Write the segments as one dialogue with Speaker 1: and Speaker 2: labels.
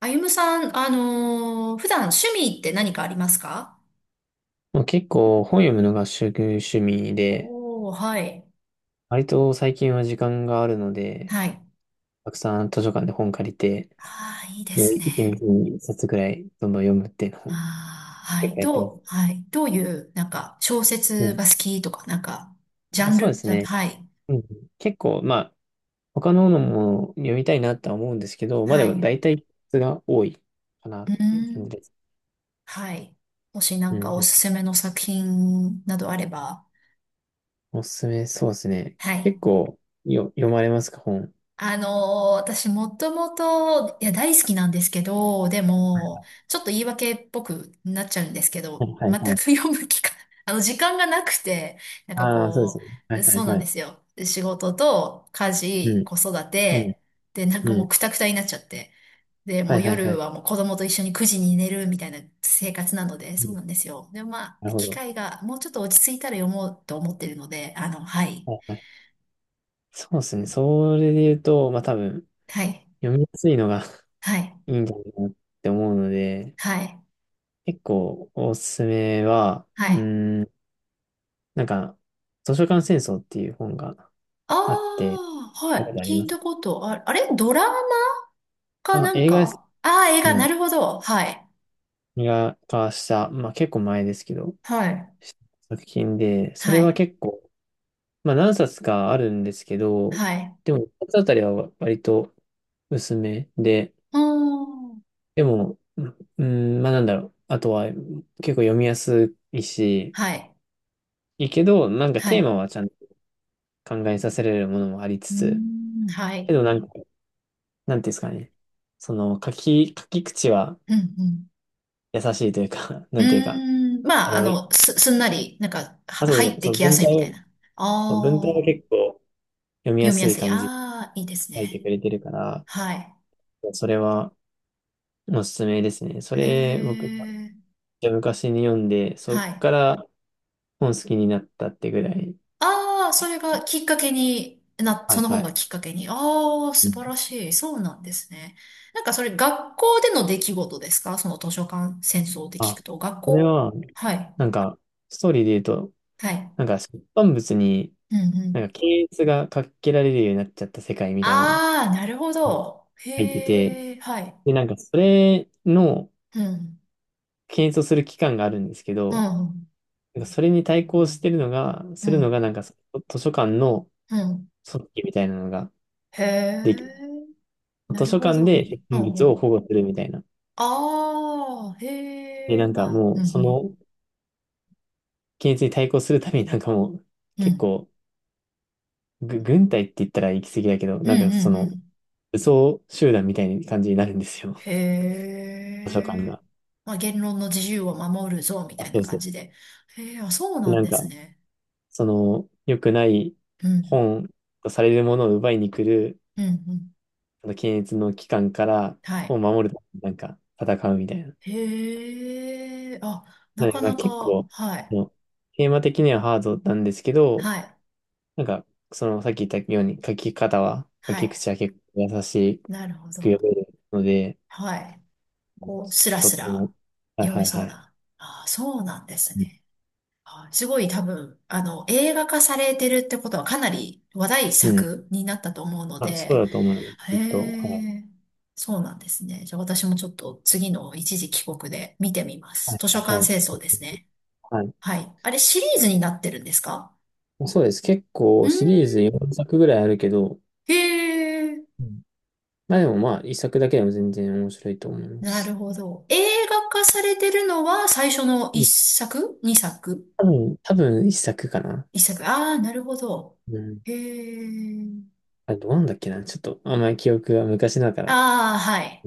Speaker 1: あゆむさん、普段趣味って何かありますか？
Speaker 2: まあ、結構本読むのが主趣味で、
Speaker 1: おー、はい。
Speaker 2: 割と最近は時間があるので、
Speaker 1: はい。
Speaker 2: たくさん図書館で本借りて、
Speaker 1: ああ、いいで
Speaker 2: もう
Speaker 1: す
Speaker 2: 一気
Speaker 1: ね。
Speaker 2: に一冊ぐらいどんどん読むっていうの
Speaker 1: あ
Speaker 2: を
Speaker 1: あ、は
Speaker 2: 結
Speaker 1: い。
Speaker 2: 構やってます。
Speaker 1: はい。どういう、なんか、小
Speaker 2: う
Speaker 1: 説
Speaker 2: ん。
Speaker 1: が好きとか、なんか、ジャ
Speaker 2: まあ
Speaker 1: ン
Speaker 2: そうで
Speaker 1: ル
Speaker 2: す
Speaker 1: じゃ、
Speaker 2: ね。
Speaker 1: はい。
Speaker 2: うん。結構、まあ、他ののも読みたいなとは思うんですけど、まあで
Speaker 1: は
Speaker 2: も
Speaker 1: い。
Speaker 2: 大体質が多いかなっ
Speaker 1: うー
Speaker 2: ていう感
Speaker 1: ん。
Speaker 2: じです。
Speaker 1: はい。もしな
Speaker 2: う
Speaker 1: ん
Speaker 2: ん
Speaker 1: かお
Speaker 2: う
Speaker 1: すすめの作品などあれば。
Speaker 2: ん。おすすめ、そうですね。
Speaker 1: は
Speaker 2: 結
Speaker 1: い。
Speaker 2: 構読まれますか、本。
Speaker 1: あのー私もともと、いや、大好きなんですけど、でも、ちょっと言い訳っぽくなっちゃうんですけ
Speaker 2: は
Speaker 1: ど、
Speaker 2: いはい
Speaker 1: 全
Speaker 2: は
Speaker 1: く
Speaker 2: い。
Speaker 1: 読む機会、時間がなくて、なんか
Speaker 2: ああ、そうで
Speaker 1: こ
Speaker 2: すね。は
Speaker 1: う、
Speaker 2: いは
Speaker 1: そう
Speaker 2: い
Speaker 1: な
Speaker 2: は
Speaker 1: んで
Speaker 2: い。
Speaker 1: すよ。仕事と家
Speaker 2: う
Speaker 1: 事、
Speaker 2: ん。
Speaker 1: 子育
Speaker 2: うん。
Speaker 1: て、で、なんか
Speaker 2: う
Speaker 1: もう
Speaker 2: ん。
Speaker 1: クタクタになっちゃって。で、も
Speaker 2: はい
Speaker 1: う
Speaker 2: はいは
Speaker 1: 夜
Speaker 2: い。
Speaker 1: はもう子供と一緒に9時に寝るみたいな生活なので、そうなんですよ。でもま
Speaker 2: な
Speaker 1: あ、
Speaker 2: るほ
Speaker 1: 機
Speaker 2: ど。
Speaker 1: 会がもうちょっと落ち着いたら読もうと思ってるので、はい。
Speaker 2: はいはい。そうですね。それで言うと、まあ多分、
Speaker 1: はい。
Speaker 2: 読みやすいのが
Speaker 1: はい。
Speaker 2: いいんじゃないかなって思うので、
Speaker 1: はい。
Speaker 2: 結構おすすめは、
Speaker 1: はい。
Speaker 2: なんか、図書館戦争っていう本が
Speaker 1: あ
Speaker 2: あって、
Speaker 1: あ、は
Speaker 2: 見たこ
Speaker 1: い。
Speaker 2: とあり
Speaker 1: 聞
Speaker 2: ま
Speaker 1: い
Speaker 2: す。
Speaker 1: たこと、あ、あれドラマか
Speaker 2: あ、
Speaker 1: なん
Speaker 2: 映画です。
Speaker 1: かああー、映
Speaker 2: う
Speaker 1: 画、な
Speaker 2: ん。
Speaker 1: るほど。はい。
Speaker 2: 映画化した、まあ結構前ですけど、
Speaker 1: はい。
Speaker 2: 作品で、そ
Speaker 1: は
Speaker 2: れは
Speaker 1: い。
Speaker 2: 結構、まあ何冊かあるんですけど、
Speaker 1: はい。
Speaker 2: でも一冊あたりは割と薄めで、
Speaker 1: うーん。
Speaker 2: でも、うん、まあなんだろう。あとは、結構読みやすいし、
Speaker 1: はい。
Speaker 2: いいけど、なんか
Speaker 1: は
Speaker 2: テー
Speaker 1: い。
Speaker 2: マはちゃんと考えさせられるものもありつ
Speaker 1: う
Speaker 2: つ、
Speaker 1: ーん。は
Speaker 2: け
Speaker 1: い。
Speaker 2: どなんか、なんていうんですかね。その、書き口は
Speaker 1: うん、うん。
Speaker 2: 優しいというか、
Speaker 1: う
Speaker 2: なんていうか、
Speaker 1: ーん。
Speaker 2: あ
Speaker 1: まあ、
Speaker 2: の、
Speaker 1: すんなり、なんか、
Speaker 2: あ、そう
Speaker 1: 入
Speaker 2: そ
Speaker 1: っ
Speaker 2: う、
Speaker 1: て
Speaker 2: その
Speaker 1: きや
Speaker 2: 文
Speaker 1: すいみたい
Speaker 2: 体
Speaker 1: な。あ
Speaker 2: を、文体は
Speaker 1: あ、
Speaker 2: 結構読みや
Speaker 1: 読み
Speaker 2: す
Speaker 1: や
Speaker 2: い
Speaker 1: すい。あ
Speaker 2: 感じで
Speaker 1: あ、いいです
Speaker 2: 書いてく
Speaker 1: ね。
Speaker 2: れてるから、
Speaker 1: はい。
Speaker 2: それはおすすめですね。それ、
Speaker 1: へ
Speaker 2: 僕も
Speaker 1: え。
Speaker 2: 昔に読んで、そ
Speaker 1: は
Speaker 2: っ
Speaker 1: い。
Speaker 2: から本好きになったってぐらい。
Speaker 1: ああ、それがきっかけに、
Speaker 2: は
Speaker 1: そ
Speaker 2: い
Speaker 1: の
Speaker 2: は
Speaker 1: 本
Speaker 2: い。
Speaker 1: がきっかけに。ああ、素晴らしい。そうなんですね。なんかそれ学校での出来事ですか？その図書館戦争で聞く
Speaker 2: あ、
Speaker 1: と。学
Speaker 2: それ
Speaker 1: 校。
Speaker 2: は、
Speaker 1: はい。
Speaker 2: なんか、ストーリーで言うと、
Speaker 1: はい。
Speaker 2: なんか、出版物に、
Speaker 1: うんう
Speaker 2: な
Speaker 1: ん。
Speaker 2: んか、検閲がかけられるようになっちゃった世界みたいなのを
Speaker 1: ああ、なるほど。
Speaker 2: 書いてて、
Speaker 1: へえ、はい。
Speaker 2: で、なんか、それの
Speaker 1: うん。
Speaker 2: 検閲をする機関があるんですけ
Speaker 1: う
Speaker 2: ど、
Speaker 1: ん。
Speaker 2: なんか、それに対抗してるのが、
Speaker 1: う
Speaker 2: するの
Speaker 1: ん。
Speaker 2: が、なんか、その図書館の
Speaker 1: うん。
Speaker 2: 組織みたいなのが
Speaker 1: へ
Speaker 2: でき、
Speaker 1: え、な
Speaker 2: 図
Speaker 1: る
Speaker 2: 書
Speaker 1: ほ
Speaker 2: 館
Speaker 1: ど。
Speaker 2: で出
Speaker 1: う
Speaker 2: 版
Speaker 1: んう
Speaker 2: 物を
Speaker 1: ん。
Speaker 2: 保護するみたいな。
Speaker 1: ああ、へ
Speaker 2: で、な
Speaker 1: え、
Speaker 2: んか、
Speaker 1: まあ、
Speaker 2: も
Speaker 1: う
Speaker 2: う、そ
Speaker 1: ん
Speaker 2: の検閲に対抗するために、なんかもう、
Speaker 1: うん。う
Speaker 2: 結
Speaker 1: ん。
Speaker 2: 構、軍隊って言ったら行き過ぎだけど、
Speaker 1: うんう
Speaker 2: なんか、そ
Speaker 1: んう
Speaker 2: の、
Speaker 1: ん。
Speaker 2: 武装集団みたいな感じになるんですよ。
Speaker 1: へ
Speaker 2: 図書館
Speaker 1: え。
Speaker 2: が。
Speaker 1: まあ、言論の自由を守るぞ、み
Speaker 2: あ、
Speaker 1: たいな
Speaker 2: そうで
Speaker 1: 感じ
Speaker 2: す。
Speaker 1: で。へえ、あ、そう
Speaker 2: で
Speaker 1: なん
Speaker 2: なん
Speaker 1: です
Speaker 2: か、
Speaker 1: ね。
Speaker 2: その、良くない
Speaker 1: うん、
Speaker 2: 本とされるものを奪いに来る、
Speaker 1: うん、うん。
Speaker 2: あの検閲の機関から
Speaker 1: は
Speaker 2: 本を
Speaker 1: い。
Speaker 2: 守るためになんか戦うみたいな。
Speaker 1: へえ、あ、な
Speaker 2: なん
Speaker 1: か
Speaker 2: か
Speaker 1: なか、
Speaker 2: 結構、
Speaker 1: はい、
Speaker 2: もうテーマ的にはハードなんですけど、
Speaker 1: はい、
Speaker 2: なんか、そのさっき言ったように書き方は、書
Speaker 1: は
Speaker 2: き
Speaker 1: い。
Speaker 2: 口は結構優し
Speaker 1: なるほ
Speaker 2: く
Speaker 1: ど。
Speaker 2: 読めるので、
Speaker 1: はい。
Speaker 2: うん、
Speaker 1: こう、スラ
Speaker 2: とっ
Speaker 1: ス
Speaker 2: て
Speaker 1: ラ
Speaker 2: も。はい
Speaker 1: 読
Speaker 2: は
Speaker 1: め
Speaker 2: い
Speaker 1: そう
Speaker 2: はい。
Speaker 1: な。あ、そうなんです
Speaker 2: うん。
Speaker 1: ね。あ、すごい多分、映画化されてるってことはかなり話題
Speaker 2: うん、
Speaker 1: 作になったと思うの
Speaker 2: あ、そう
Speaker 1: で、
Speaker 2: だと思う。
Speaker 1: へ
Speaker 2: きっと。はい
Speaker 1: え、そうなんですね。じゃあ私もちょっと次の一時帰国で見てみま
Speaker 2: は
Speaker 1: す。
Speaker 2: い、
Speaker 1: 図書
Speaker 2: は
Speaker 1: 館清
Speaker 2: い。
Speaker 1: 掃ですね。
Speaker 2: はい。
Speaker 1: はい。あれシリーズになってるんですか？
Speaker 2: そうです。結
Speaker 1: う
Speaker 2: 構
Speaker 1: ーん。
Speaker 2: シリーズ4作ぐらいあるけど、
Speaker 1: へえ、
Speaker 2: うん、まあでもまあ一作だけでも全然面白いと思いま
Speaker 1: なる
Speaker 2: す。
Speaker 1: ほど。映画化されてるのは最初の
Speaker 2: う
Speaker 1: 一
Speaker 2: ん、
Speaker 1: 作二作？
Speaker 2: 多分1作かな。
Speaker 1: 一作。ああ、なるほど。
Speaker 2: うん。
Speaker 1: へえ。
Speaker 2: あれどうなんだっけな。ちょっとあんまり記憶が昔だから。
Speaker 1: ああ、はい。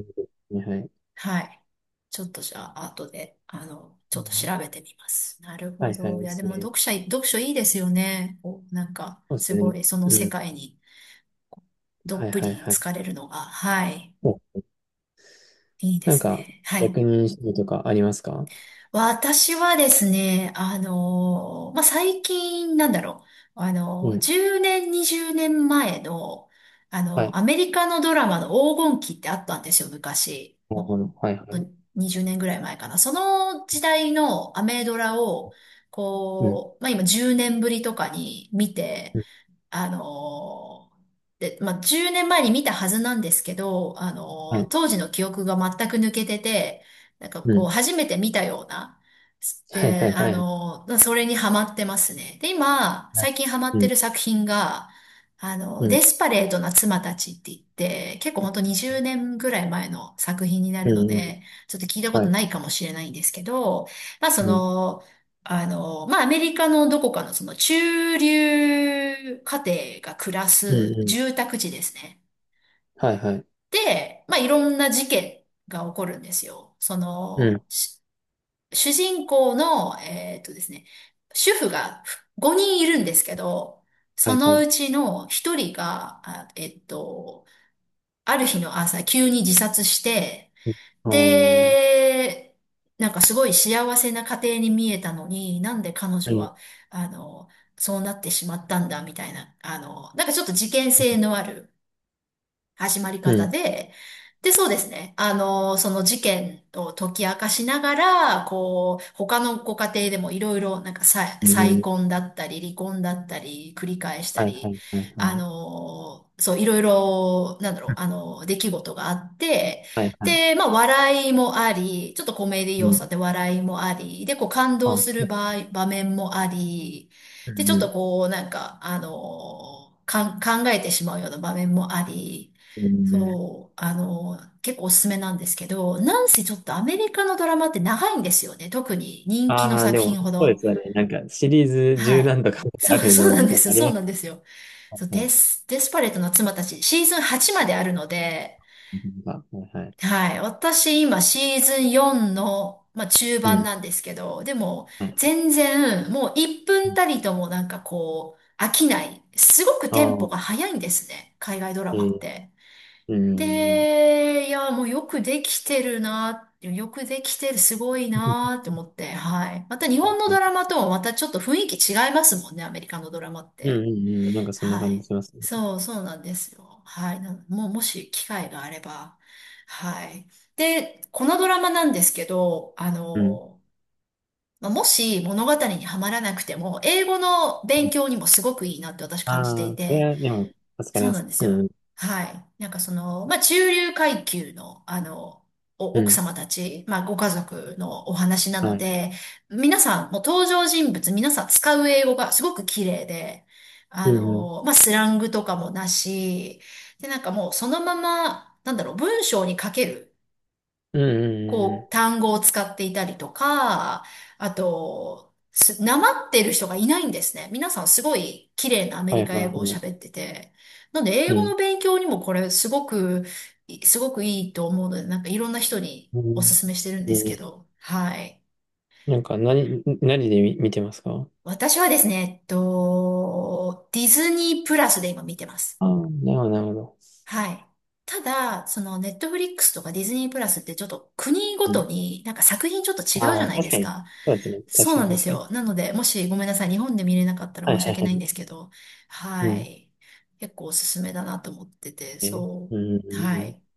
Speaker 2: うん、はい。
Speaker 1: はい。ちょっとじゃあ、後で、ち
Speaker 2: う
Speaker 1: ょっと
Speaker 2: ん、
Speaker 1: 調べてみます。なる
Speaker 2: は
Speaker 1: ほ
Speaker 2: いは
Speaker 1: ど。い
Speaker 2: い、
Speaker 1: や、で
Speaker 2: そ
Speaker 1: も
Speaker 2: れ。
Speaker 1: 読書いいですよね。お、なんか、
Speaker 2: そうです
Speaker 1: す
Speaker 2: ね。
Speaker 1: ごい、その
Speaker 2: う
Speaker 1: 世
Speaker 2: ん。
Speaker 1: 界にど
Speaker 2: は
Speaker 1: っ
Speaker 2: い
Speaker 1: ぷり
Speaker 2: はいはい。
Speaker 1: 浸かれるのが、はい、
Speaker 2: お、
Speaker 1: いいで
Speaker 2: なん
Speaker 1: す
Speaker 2: か、
Speaker 1: ね。はい。
Speaker 2: 役人主義とかありますか？
Speaker 1: 私はですね、まあ、最近、なんだろう、
Speaker 2: うん。
Speaker 1: 10年、20年前の、
Speaker 2: はい。
Speaker 1: アメリカのドラマの黄金期ってあったんですよ、昔。
Speaker 2: なるほ
Speaker 1: も
Speaker 2: ど。はいは
Speaker 1: う、
Speaker 2: い。
Speaker 1: にじゅうねん20年ぐらい前かな。その時代のアメドラを、
Speaker 2: うん。
Speaker 1: こう、まあ、今10年ぶりとかに見て、
Speaker 2: うん。
Speaker 1: あので、まあ、10年前に見たはずなんですけど、
Speaker 2: はい。
Speaker 1: 当時の記憶が全く抜けてて、なんか
Speaker 2: う
Speaker 1: こう、
Speaker 2: ん。
Speaker 1: 初めて見たような、
Speaker 2: はいは
Speaker 1: で、
Speaker 2: いはいはい。
Speaker 1: それにハマってますね。で、今、最近ハマっ
Speaker 2: う
Speaker 1: て
Speaker 2: ん。
Speaker 1: る作品が、
Speaker 2: う
Speaker 1: デ
Speaker 2: ん。
Speaker 1: スパレートな妻たちって言って、結構ほんと20年ぐらい前の作品にな
Speaker 2: う
Speaker 1: るの
Speaker 2: んうん。
Speaker 1: で、ちょっと聞いたこ
Speaker 2: は
Speaker 1: と
Speaker 2: い。
Speaker 1: ないかもしれないんですけど、まあそ
Speaker 2: うん。
Speaker 1: の、まあ、アメリカのどこかのその中流家庭が暮ら
Speaker 2: う
Speaker 1: す
Speaker 2: んうん。
Speaker 1: 住宅地ですね。
Speaker 2: はいはい。
Speaker 1: で、まあ、いろんな事件が起こるんですよ。
Speaker 2: うん。
Speaker 1: 主人公の、えっとですね、主婦が5人いるんですけど、
Speaker 2: は
Speaker 1: そ
Speaker 2: いは
Speaker 1: のう
Speaker 2: い。
Speaker 1: ちの1人が、ある日の朝急に自殺して、
Speaker 2: うん。あー
Speaker 1: で、なんかすごい幸せな家庭に見えたのに、なんで彼
Speaker 2: う
Speaker 1: 女
Speaker 2: ん。
Speaker 1: は、あの、そうなってしまったんだ、みたいな、なんかちょっと事件性のある始まり
Speaker 2: う
Speaker 1: 方
Speaker 2: ん。
Speaker 1: で、で、そうですね。その事件を解き明かしながら、こう、他のご家庭でもいろいろ、なんか
Speaker 2: うんう
Speaker 1: 再
Speaker 2: ん。
Speaker 1: 婚だったり、離婚だったり、繰り返した
Speaker 2: はいは
Speaker 1: り、
Speaker 2: いはいはい。
Speaker 1: そう、いろいろ、なんだろ
Speaker 2: う
Speaker 1: う、
Speaker 2: ん。
Speaker 1: 出来事があって、
Speaker 2: はいはい。
Speaker 1: で、まあ、笑いもあり、ちょっとコメディ
Speaker 2: う
Speaker 1: 要素
Speaker 2: ん。
Speaker 1: で笑いもあり、で、こう、感動
Speaker 2: あ、
Speaker 1: す
Speaker 2: そ
Speaker 1: る
Speaker 2: う。
Speaker 1: 場面もあり、
Speaker 2: う
Speaker 1: で、ち
Speaker 2: ん
Speaker 1: ょっ
Speaker 2: うん。
Speaker 1: とこう、なんか、考えてしまうような場面もあり、
Speaker 2: うんうん。
Speaker 1: そう、結構おすすめなんですけど、なんせちょっとアメリカのドラマって長いんですよね。特に人気の
Speaker 2: ああ、
Speaker 1: 作
Speaker 2: でも、
Speaker 1: 品ほ
Speaker 2: そうで
Speaker 1: ど。
Speaker 2: すよね。なんか、シリーズ
Speaker 1: は
Speaker 2: 十
Speaker 1: い。
Speaker 2: 何とか
Speaker 1: そ
Speaker 2: あ
Speaker 1: う、
Speaker 2: る
Speaker 1: そう
Speaker 2: の、
Speaker 1: なん
Speaker 2: み
Speaker 1: で
Speaker 2: たいな、
Speaker 1: すよ。
Speaker 2: あり
Speaker 1: そ
Speaker 2: ま
Speaker 1: う
Speaker 2: し
Speaker 1: なんですよ。
Speaker 2: た
Speaker 1: そう、
Speaker 2: ね。
Speaker 1: デスパレートの妻たち、シーズン8まであるので、
Speaker 2: う、はいはい。
Speaker 1: はい。私今シーズン4の、まあ、中
Speaker 2: う
Speaker 1: 盤
Speaker 2: ん。
Speaker 1: なんですけど、でも
Speaker 2: はい。
Speaker 1: 全然もう1分たりともなんかこう飽きない。すごく
Speaker 2: あ
Speaker 1: テンポ
Speaker 2: あ、
Speaker 1: が速いんですね。海外ドラ
Speaker 2: え
Speaker 1: マっ
Speaker 2: ー、
Speaker 1: て。
Speaker 2: うん。
Speaker 1: で、いや、もうよくできてるな、よくできてる、すごいなって思って、はい。また日
Speaker 2: は
Speaker 1: 本
Speaker 2: い
Speaker 1: の
Speaker 2: は
Speaker 1: ド
Speaker 2: い。
Speaker 1: ラマとはまたちょっと雰囲気違いますもんね、アメリカのドラマっ
Speaker 2: うんう
Speaker 1: て。
Speaker 2: んうん。なんかそんな
Speaker 1: は
Speaker 2: 感じ
Speaker 1: い。
Speaker 2: しますね。
Speaker 1: そう、そうなんですよ。はい。なもう、もし機会があれば。はい。で、このドラマなんですけど、
Speaker 2: うん。
Speaker 1: まあもし物語にはまらなくても、英語の勉強にもすごくいいなって私感じて
Speaker 2: あ
Speaker 1: い
Speaker 2: あ、それ
Speaker 1: て、
Speaker 2: は、でも、助かり
Speaker 1: そう
Speaker 2: ま
Speaker 1: なん
Speaker 2: す。
Speaker 1: です
Speaker 2: う
Speaker 1: よ。
Speaker 2: ん。
Speaker 1: はい。なんかその、まあ、中流階級の、
Speaker 2: う
Speaker 1: 奥
Speaker 2: ん。
Speaker 1: 様たち、まあ、ご家族のお話な
Speaker 2: は
Speaker 1: の
Speaker 2: い。
Speaker 1: で、皆さん、もう登場人物、皆さん使う英語がすごく綺麗で、
Speaker 2: うんうん
Speaker 1: まあ、スラングとかもなし、で、なんかもうそのまま、なんだろう、文章に書ける。
Speaker 2: うんうん。うんう
Speaker 1: こう、
Speaker 2: ん。
Speaker 1: 単語を使っていたりとか、あと、なまってる人がいないんですね。皆さんすごい綺麗なアメ
Speaker 2: はい
Speaker 1: リ
Speaker 2: は
Speaker 1: カ英語を
Speaker 2: いはい。
Speaker 1: 喋ってて。なんで、英
Speaker 2: う
Speaker 1: 語の
Speaker 2: ん
Speaker 1: 勉強にもこれすごく、すごくいいと思うので、なんかいろんな人に
Speaker 2: う
Speaker 1: おす
Speaker 2: ん
Speaker 1: すめしてるん
Speaker 2: う
Speaker 1: ですけ
Speaker 2: ん。
Speaker 1: ど。はい。
Speaker 2: なんか何で見てますか？
Speaker 1: 私はですね、えっと、ディズニープラスで今見てます。
Speaker 2: ああー、なるほどなるほど。
Speaker 1: はい。ただ、その、ネットフリックスとかディズニープラスってちょっと国ご
Speaker 2: う
Speaker 1: と
Speaker 2: ん。
Speaker 1: になんか作品ちょっと違うじ
Speaker 2: あ
Speaker 1: ゃ
Speaker 2: あ、
Speaker 1: ないで
Speaker 2: 確か
Speaker 1: す
Speaker 2: に。
Speaker 1: か。
Speaker 2: そうですね、
Speaker 1: そ
Speaker 2: 確
Speaker 1: う
Speaker 2: か
Speaker 1: な
Speaker 2: に
Speaker 1: んで
Speaker 2: 確
Speaker 1: す
Speaker 2: かに。
Speaker 1: よ。なので、もしごめんなさい、日本で見れなかったら
Speaker 2: はい
Speaker 1: 申し
Speaker 2: はい
Speaker 1: 訳
Speaker 2: は
Speaker 1: ないん
Speaker 2: い。
Speaker 1: ですけど、
Speaker 2: う
Speaker 1: は
Speaker 2: ん。
Speaker 1: い。結構おすすめだなと思ってて、
Speaker 2: ね、
Speaker 1: そう。
Speaker 2: うんうんうん
Speaker 1: は
Speaker 2: う
Speaker 1: い。
Speaker 2: ん。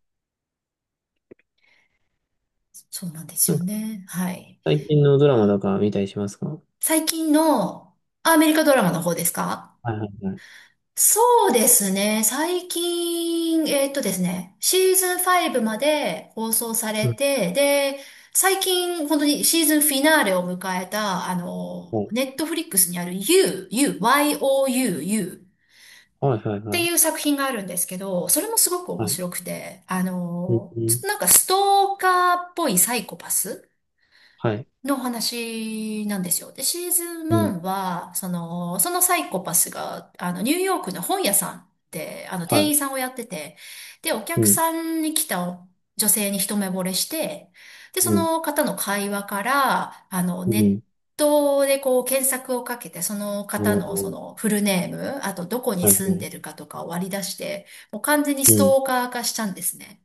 Speaker 1: そうなんです
Speaker 2: なん
Speaker 1: よ
Speaker 2: か
Speaker 1: ね。はい。
Speaker 2: 最近のドラマとか見たりしますか？は
Speaker 1: 最近のアメリカドラマの方ですか？
Speaker 2: いはいはい。
Speaker 1: そうですね。最近、ですね、シーズン5まで放送され
Speaker 2: うん。
Speaker 1: て、で、最近、本当にシーズンフィナーレを迎えた、
Speaker 2: は
Speaker 1: ネットフリックスにある YOU
Speaker 2: いはい
Speaker 1: っ
Speaker 2: は
Speaker 1: てい
Speaker 2: い
Speaker 1: う作品があるんですけど、それもすごく面
Speaker 2: はい。
Speaker 1: 白くて、
Speaker 2: うんう
Speaker 1: ちょっ
Speaker 2: ん。
Speaker 1: となんかストーカーっぽいサイコパス
Speaker 2: はい。
Speaker 1: の話なんですよ。で、シーズン
Speaker 2: うん。
Speaker 1: 1は、その、そのサイコパスが、ニューヨークの本屋さんで、
Speaker 2: は
Speaker 1: 店
Speaker 2: い。
Speaker 1: 員さんをやってて、で、お
Speaker 2: う
Speaker 1: 客
Speaker 2: ん
Speaker 1: さんに来た女性に一目惚れして、で、そ
Speaker 2: うん
Speaker 1: の方の会話から、
Speaker 2: う
Speaker 1: ネッ
Speaker 2: ん。
Speaker 1: トでこう検索をかけて、その
Speaker 2: お
Speaker 1: 方のそ
Speaker 2: ー、
Speaker 1: のフルネーム、あとどこに
Speaker 2: はいは
Speaker 1: 住ん
Speaker 2: い。
Speaker 1: でるかとかを割り出して、もう完全にス
Speaker 2: うん
Speaker 1: トーカー化しちゃうんですね。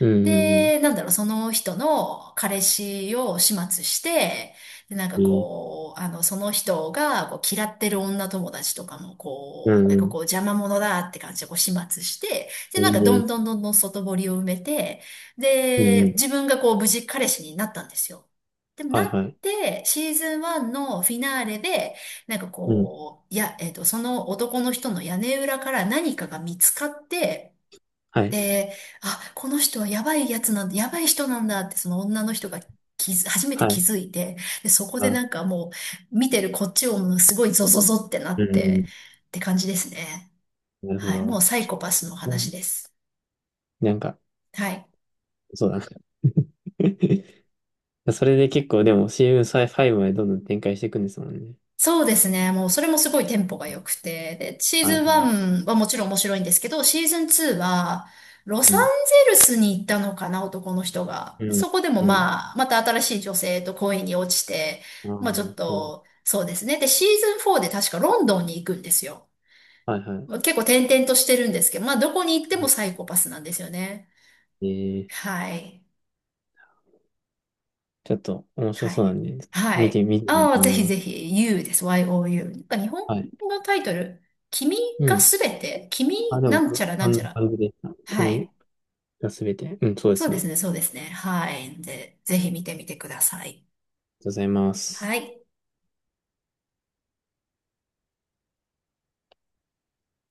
Speaker 2: うんうん
Speaker 1: で、なんだろう、その人の彼氏を始末して、で、なんか
Speaker 2: うん、いい。
Speaker 1: こう、その人がこう嫌ってる女友達とかも
Speaker 2: う
Speaker 1: こ
Speaker 2: ん
Speaker 1: う、なん
Speaker 2: う
Speaker 1: か
Speaker 2: ん、
Speaker 1: こう邪魔者だって感じでこう始末して、で、
Speaker 2: い
Speaker 1: な
Speaker 2: い
Speaker 1: んかどん
Speaker 2: ね。
Speaker 1: どんどんどん外堀を埋めて、
Speaker 2: う
Speaker 1: で、
Speaker 2: ん。
Speaker 1: 自分がこう無事彼氏になったんですよ。でもな
Speaker 2: はいは
Speaker 1: っ
Speaker 2: い。
Speaker 1: て、シーズン1のフィナーレで、なんか
Speaker 2: うん。
Speaker 1: こう、いや、その男の人の屋根裏から何かが見つかって、
Speaker 2: はい。
Speaker 1: で、あ、この人はやばいやつなんだ、やばい人なんだってその女の人が初めて
Speaker 2: は
Speaker 1: 気
Speaker 2: い。
Speaker 1: づいて、で、そこで
Speaker 2: あ、
Speaker 1: なんかもう見てるこっちをもうすごいゾゾゾってな
Speaker 2: う
Speaker 1: って
Speaker 2: ん。
Speaker 1: って感じですね。
Speaker 2: なるほ
Speaker 1: はい。もう
Speaker 2: ど。
Speaker 1: サイ
Speaker 2: ち
Speaker 1: コパスの
Speaker 2: ょっ
Speaker 1: 話
Speaker 2: と、
Speaker 1: です。
Speaker 2: なんか、
Speaker 1: はい。
Speaker 2: そうだな。それで結構、でも CM5 までどんどん展開していくんですもんね。
Speaker 1: そうですね。もうそれもすごいテンポが良くて。で、シー
Speaker 2: は
Speaker 1: ズ
Speaker 2: い
Speaker 1: ン
Speaker 2: はい。
Speaker 1: 1はもちろん面白いんですけど、シーズン2はロ
Speaker 2: う
Speaker 1: サン
Speaker 2: ん。
Speaker 1: ゼルスに行ったのかな、男の人が。で
Speaker 2: うん。
Speaker 1: そこでも
Speaker 2: うん。
Speaker 1: まあ、また新しい女性と恋に落ちて、
Speaker 2: ああ、
Speaker 1: まあちょっ
Speaker 2: そう。
Speaker 1: と、そうですね。で、シーズン4で確かロンドンに行くんですよ。
Speaker 2: はいは
Speaker 1: まあ結構転々としてるんですけど、まあどこに行ってもサイコパスなんですよね。
Speaker 2: い。えー
Speaker 1: はい。
Speaker 2: ちょっと面白
Speaker 1: は
Speaker 2: そうな
Speaker 1: い。
Speaker 2: んで、
Speaker 1: は
Speaker 2: 見て
Speaker 1: い。
Speaker 2: みてみよう
Speaker 1: あ
Speaker 2: と
Speaker 1: あ、
Speaker 2: 思
Speaker 1: ぜ
Speaker 2: い
Speaker 1: ひ
Speaker 2: ま
Speaker 1: ぜ
Speaker 2: す。
Speaker 1: ひ、You です。YOU。なんか日本
Speaker 2: はい。
Speaker 1: のタイトル、君
Speaker 2: う
Speaker 1: が
Speaker 2: ん。
Speaker 1: すべて、君
Speaker 2: あ、でも、
Speaker 1: なんち
Speaker 2: そ
Speaker 1: ゃら
Speaker 2: そ
Speaker 1: なん
Speaker 2: ん
Speaker 1: ちゃ
Speaker 2: な
Speaker 1: ら。
Speaker 2: 感じでした。
Speaker 1: は
Speaker 2: 君
Speaker 1: い。
Speaker 2: がすべて。うん、そうで
Speaker 1: そう
Speaker 2: すね。
Speaker 1: で
Speaker 2: あ
Speaker 1: す
Speaker 2: りが
Speaker 1: ね、
Speaker 2: と
Speaker 1: そうですね。はい。で、ぜひ見てみてください。
Speaker 2: うございま
Speaker 1: は
Speaker 2: す。
Speaker 1: い。